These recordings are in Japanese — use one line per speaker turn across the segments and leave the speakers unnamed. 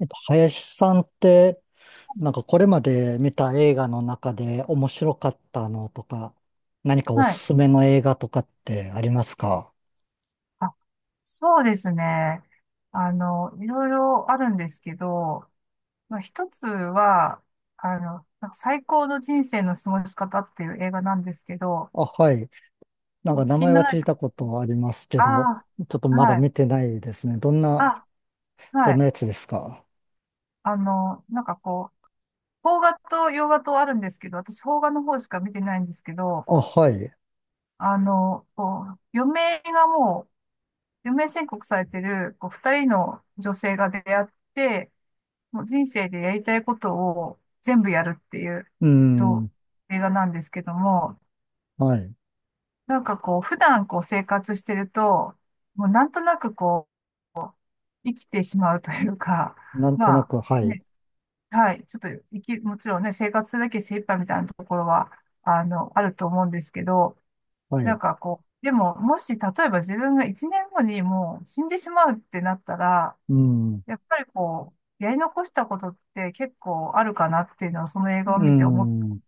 林さんって、なんかこれまで見た映画の中で面白かったのとか、何かおす
はい。
すめの映画とかってありますか？
あ、そうですね。いろいろあるんですけど、まあ、一つは、なんか最高の人生の過ごし方っていう映画なんですけど、
あ、はい。なん
お聞
か名
きに
前
な
は
ら
聞
れ
い
た、
たことありますけ
あ
ど、ちょっと
あ、
まだ
はい。
見てないですね。どんな、
あ、は
どん
い。
なやつですか？
なんかこう、邦画と洋画とあるんですけど、私邦画の方しか見てないんですけど、
あ、はい。
あの、こう、余命がもう、余命宣告されてる、こう、二人の女性が出会って、もう人生でやりたいことを全部やるっていう、
う
と、
ん。
映画なんですけども、
はい。
なんかこう、普段こう生活してると、もうなんとなくこう、生きてしまうというか、
なんと
ま
な
あ、
く、はい。
ね、はい、ちょっと生き、もちろんね、生活するだけ精一杯みたいなところは、あると思うんですけど、
は
なん
い。
かこう、でも、もし、例えば自分が1年後にもう死んでしまうってなったら、
うん。
やっぱりこう、やり残したことって結構あるかなっていうのをその映画を
う
見て思っ
ん。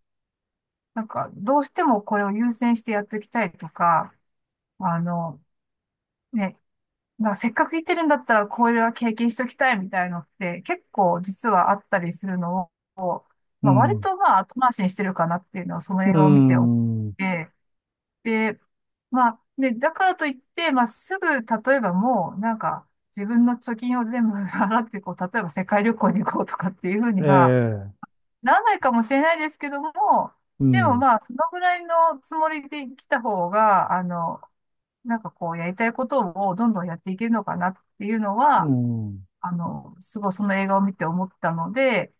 なんか、どうしてもこれを優先してやっておきたいとか、あの、ね、なせっかく行ってるんだったらこれは経験しておきたいみたいのって結構実はあったりするのを、
う
まあ、割
ん。
とまあ後回しにしてるかなっていうのはその映
う
画を見ておっ
ん。
て、で、まあ、ね、だからといって、まあすぐ、例えばもうなんか自分の貯金を全部払ってこう、例えば世界旅行に行こうとかっていうふう
え
には、
え。
ならないかもしれないですけども、
う
でも
ん。
まあ、そのぐらいのつもりで来た方が、なんかこう、やりたいことをどんどんやっていけるのかなっていうの
う
は、
ん。
すごいその映画を見て思ったので、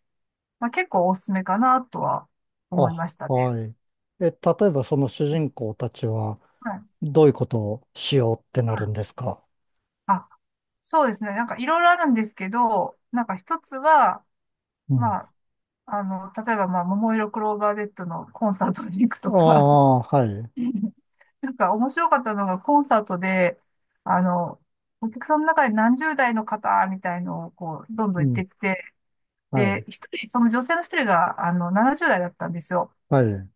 まあ、結構おすすめかなとは思い
あ、
ましたね。
はい。例えばその主人公たちは
はい。
どういうことをしようってな
は
るんで
い、
すか？
あ、そうですね。なんかいろいろあるんですけど、なんか一つは、
う
ま
ん。
あ、例えば、まあ、桃色クローバー Z のコンサートに行く
あ
とか、
あ、はい。
なんか面白かったのがコンサートで、あの、お客さんの中で何十代の方みたいのをこう、どんど
う
ん言っ
ん。
てきて、
は
で、
い。
一人、その女性の一人が、70代だったんですよ、
はい。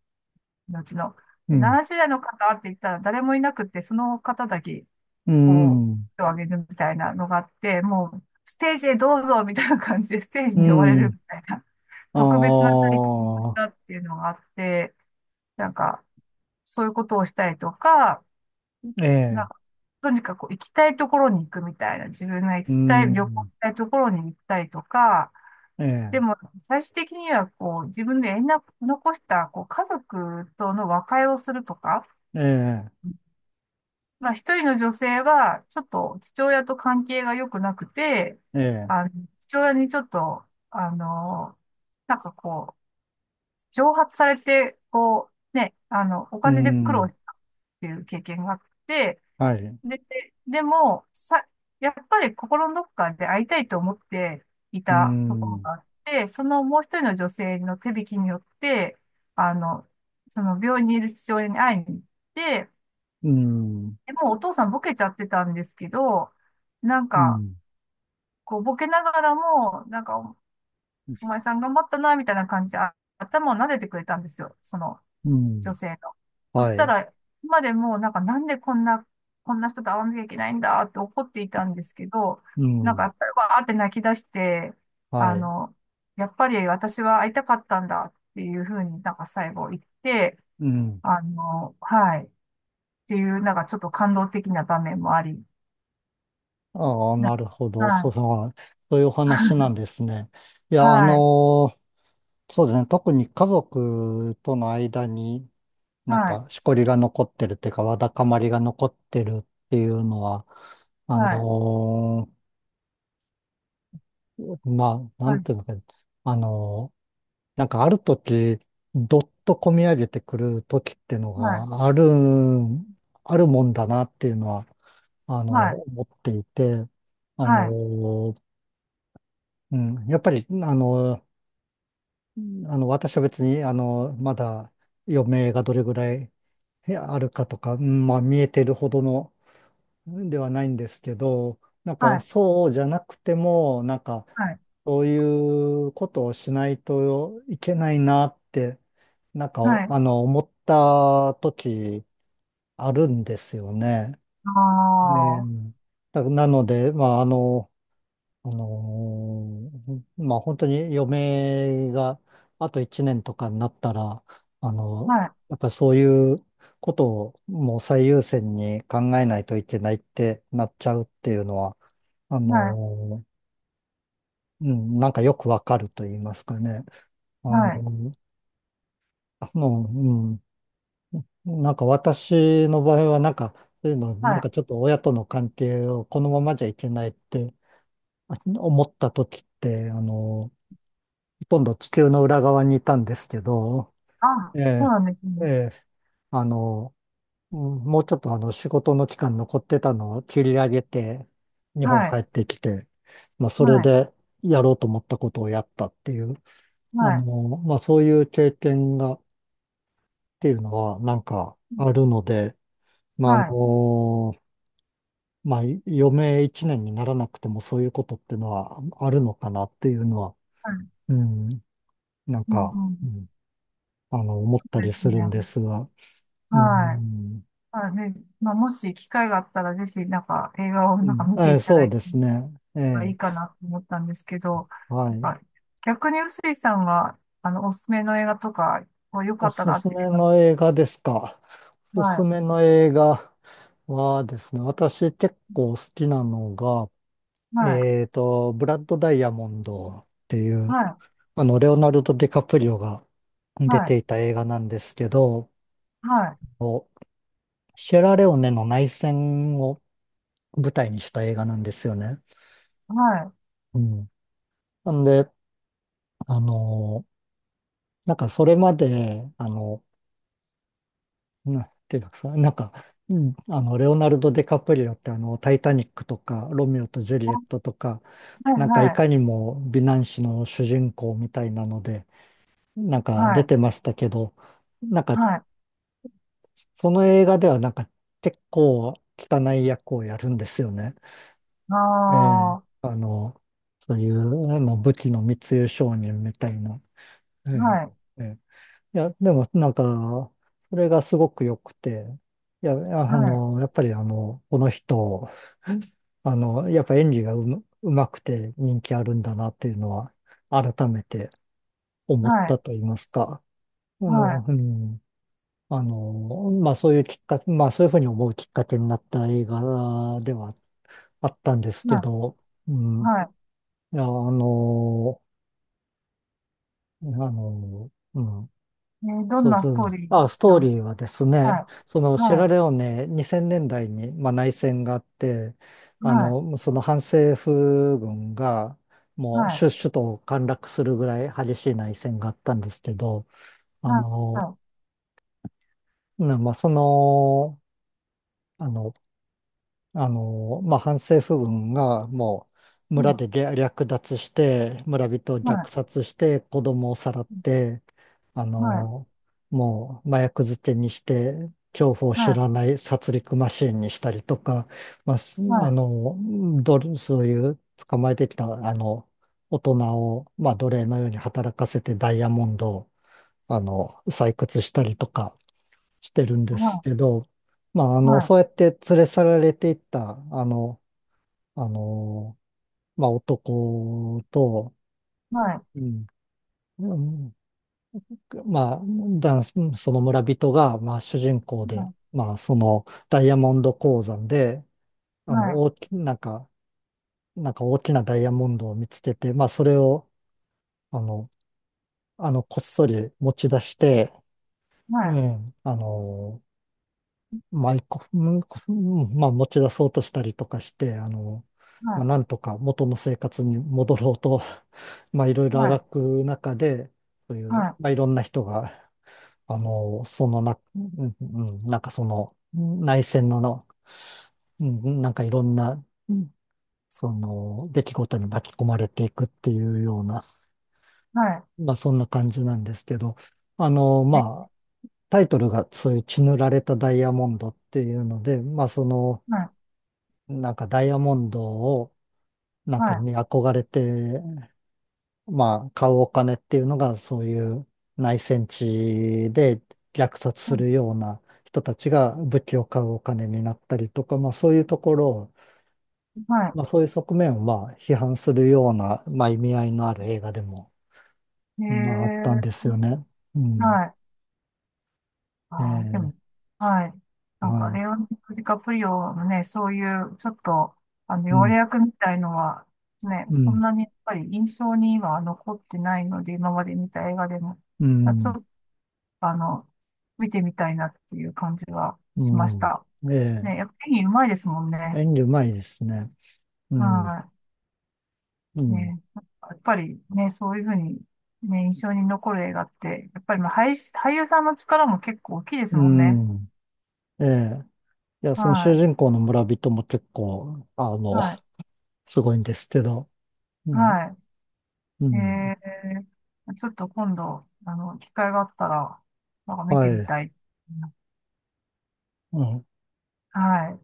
うちの。
う
で、
ん。
70代の方って言ったら誰もいなくて、その方だけ、
う
こう、
ん。
手を挙げるみたいなのがあって、もう、ステージへどうぞみたいな感じで、ステージ
う
に呼ばれるみたいな、
ん。
特別な体験をし
ああ、
たっていうのがあって、なんか、そういうことをしたりとか、
え
なん
え。
か、とにかく行きたいところに行くみたいな、自分が行
う
きたい、旅行し
ん。
たいところに行ったりとか、
え
でも
え。
最終的にはこう、自分で縁な残したこう家族との和解をするとか、
ええ。
まあ一人の女性はちょっと父親と関係が良くなくて、
ええ。
あの、父親にちょっと、あの、なんかこう、蒸発されて、こう、ね、お
う
金で苦労
ん。
したっていう経験があって、
はい。
で、でも、さ、やっぱり心のどこかで会いたいと思ってい
う
たところ
ん。
があって、そのもう一人の女性の手引きによって、あの、その病院にいる父親に会いに行って、
うん。
でもうお父さんボケちゃってたんですけど、なん
う
か、
ん。
こうボケながらも、なんかお前さん頑張ったな、みたいな感じで、あ頭を撫でてくれたんですよ。その、
うん。
女性の。そし
は
た
い。
ら、今までもなんかなんでこんな、こんな人と会わなきゃいけないんだって怒っていたんですけど、
う
なんかや
ん。
っぱりわーって泣き出して、あ
はい。
の、やっぱり私は会いたかったんだっていうふうになんか最後言って、
うん。
はい、っていうなんかちょっと感動的な場面もあり、
ああ、
なん
なるほど。
か
そういうお話なんですね。いや、
はい、
そうですね。特に家族との間になん
はい、
かしこりが残ってるっていうか、わだかまりが残ってるっていうのは、あ
はい、
のまあ、な
は
ん
い、
ていうのか、あのなんかある時、どっとこみ上げてくる時っていうの
は
が
い、
あるもんだなっていうのは、あ
は
の
い、
思っていて、あ
はい、
のうん、やっぱり、私は別に、まだ余命がどれぐらいあるかとか、うん、まあ、見えてるほどのではないんですけど、なん
はい、は
か、
い、
そうじゃなくても、なんか、
はい、
そういうことをしないといけないなって、なんか、
はい、
思った時あるんですよね。
あ
ねえ、なので、まあ、まあ本当に余命があと1年とかになったら、あのやっぱりそういうことをもう最優先に考えないといけないってなっちゃうっていうのは、あ
いはい、
のうん、なんかよくわかると言いますかね。あ
はい、はい、
のその、うん、なんか私の場合はなんか、そういうの、
は
なん
い、
かちょっと親との関係をこのままじゃいけないって思った時って、ほとんど地球の裏側にいたんですけど、
あ、
え
そう
え、
なんです
え
ね。
え、あの、うん、もうちょっとあの仕事の期間残ってたのを切り上げて、日
は
本帰
い、
ってきて、まあそ
は
れ
い、
でやろうと思ったことをやったっていう、
はい、
まあそういう経験がっていうのはなんか
うん、
あるので、ま
は
あ
い、
まあ余命一年にならなくてもそういうことっていうのはあるのかなっていうのは、
はい、
うん、なん
うん、
か、
う
う
ん、
ん、思っ
そ
た
うで
り
す
するんです
ね。
が、う
はい、
ん。
はい、でまあもし機会があったらぜひなんか映画を
う
なんか
ん。
見ていただ
そう
いた
ですね。え
方がい
え。
いかなと思ったんですけど、
はい。
なんか逆に臼井さんがおすすめの映画とかこう良か
お
っ
す
たなっ
す
てい
め
うか、
の映画ですか。おすす
は
めの映画はですね、私結構好きなのが、
い、はい、
ブラッド・ダイヤモンドっていう、
はい、
レオナルド・ディカプリオが
は
出て
い、
いた映画なんですけど、
はい、
おシェラレオネの内戦を舞台にした映画なんですよね。
はい、
うん。なんで、あの、なんかそれまで、なていうかさ、なんか、うん、レオナルド・ディカプリオってタイタニックとか、ロミオとジュリエッ
は
トとか、
い、
なんか
は
い
い、
かにも美男子の主人公みたいなので、なん
は
か出
い、
てましたけど、なんか
はい、
その映画ではなんか結構汚い役をやるんですよね。
あ
え
あ、
え、
は
そういう武器の密輸商人みたいな。え
い、
えええ、いや、でもなんか、それがすごく良くて、いや、
はい、
やっぱりこの人、やっぱ演技がうまくて人気あるんだなっていうのは、改めて思
は
っ
い、
たと言いますか。
は
うん、まあそういうきっかけ、まあそういうふうに思うきっかけになった映画ではあったんです
い、
け
は
ど、う
い、
ん、
はい、
いや、うん、そうですね。あ、ストーリーはですね、そのシェラレオネ2000年代に、まあ、内戦があって、その反政府軍がもう首都を陥落するぐらい激しい内戦があったんですけど、あの、まあ、あの、まあ、反政府軍がもう村で略奪して、村人を虐殺して、子供をさらって、あの、もう麻薬漬けにして、恐怖を知らない殺戮マシーンにしたりとか、まあ、すあの、どれそういう捕まえてきた、大人を、まあ、奴隷のように働かせてダイヤモンドを、採掘したりとか、してるんですけど、まあ、そうやって連れ去られていった、あの、まあ、男と、うん、うん、まあ、男性その村人が、まあ、主人公で、まあ、その、ダイヤモンド鉱山で、あの、大き、なんか、なんか大きなダイヤモンドを見つけて、まあ、それを、あの、こっそり持ち出して、うん、まあ、一個、うん、うん、まあ、持ち出そうとしたりとかして、まあ、なんとか元の生活に戻ろうと、まあ、いろいろあがく中で、そういう、まあ、いろんな人が、あの、そのな、うん、うん、なんかその、内戦の、うん、うん、なんかいろんな、うん、その、出来事に巻き込まれていくっていうような、まあ、そんな感じなんですけど、まあ、タイトルがそういう血塗られたダイヤモンドっていうので、まあ、なんかダイヤモンドを、なんかに憧れて、まあ、買うお金っていうのが、そういう内戦地で虐殺するような人たちが武器を買うお金になったりとか、まあ、そういうところを、まあ、そういう側面を、まあ、批判するような、まあ、意味合いのある映画でも、まあ、あったんですよね。うん。
あーでも、
ええ。
はい。なん
は
か、
い。
レオナルド・ディカプリオのね、そういう、ちょっと、
う
要
ん。
約みたいのは、ね、
う
そん
ん。
なにやっぱり印象に今は残ってないので、今まで見た映画でも、
う
まあちょっ
ん。
と、あの、見てみたいなっていう感じは
う
しまし
ん。
た。
え
ね、やっぱり演技うまいですもん
え、
ね。
演技うまいですね。うん。
は
う
い。
ん。
ね、やっぱりね、そういうふうに、ね、印象に残る映画って、やっぱりまあ俳優さんの力も結構大きいです
う
もんね。
ん。ええ。いや、
は
その主
い。
人公の村人も結構、
はい。
すごいんですけど、ね、
はい。
うん。
えちょっと今度、機会があったら、なんか見
は
てみ
い。
たい。
うん。
はい。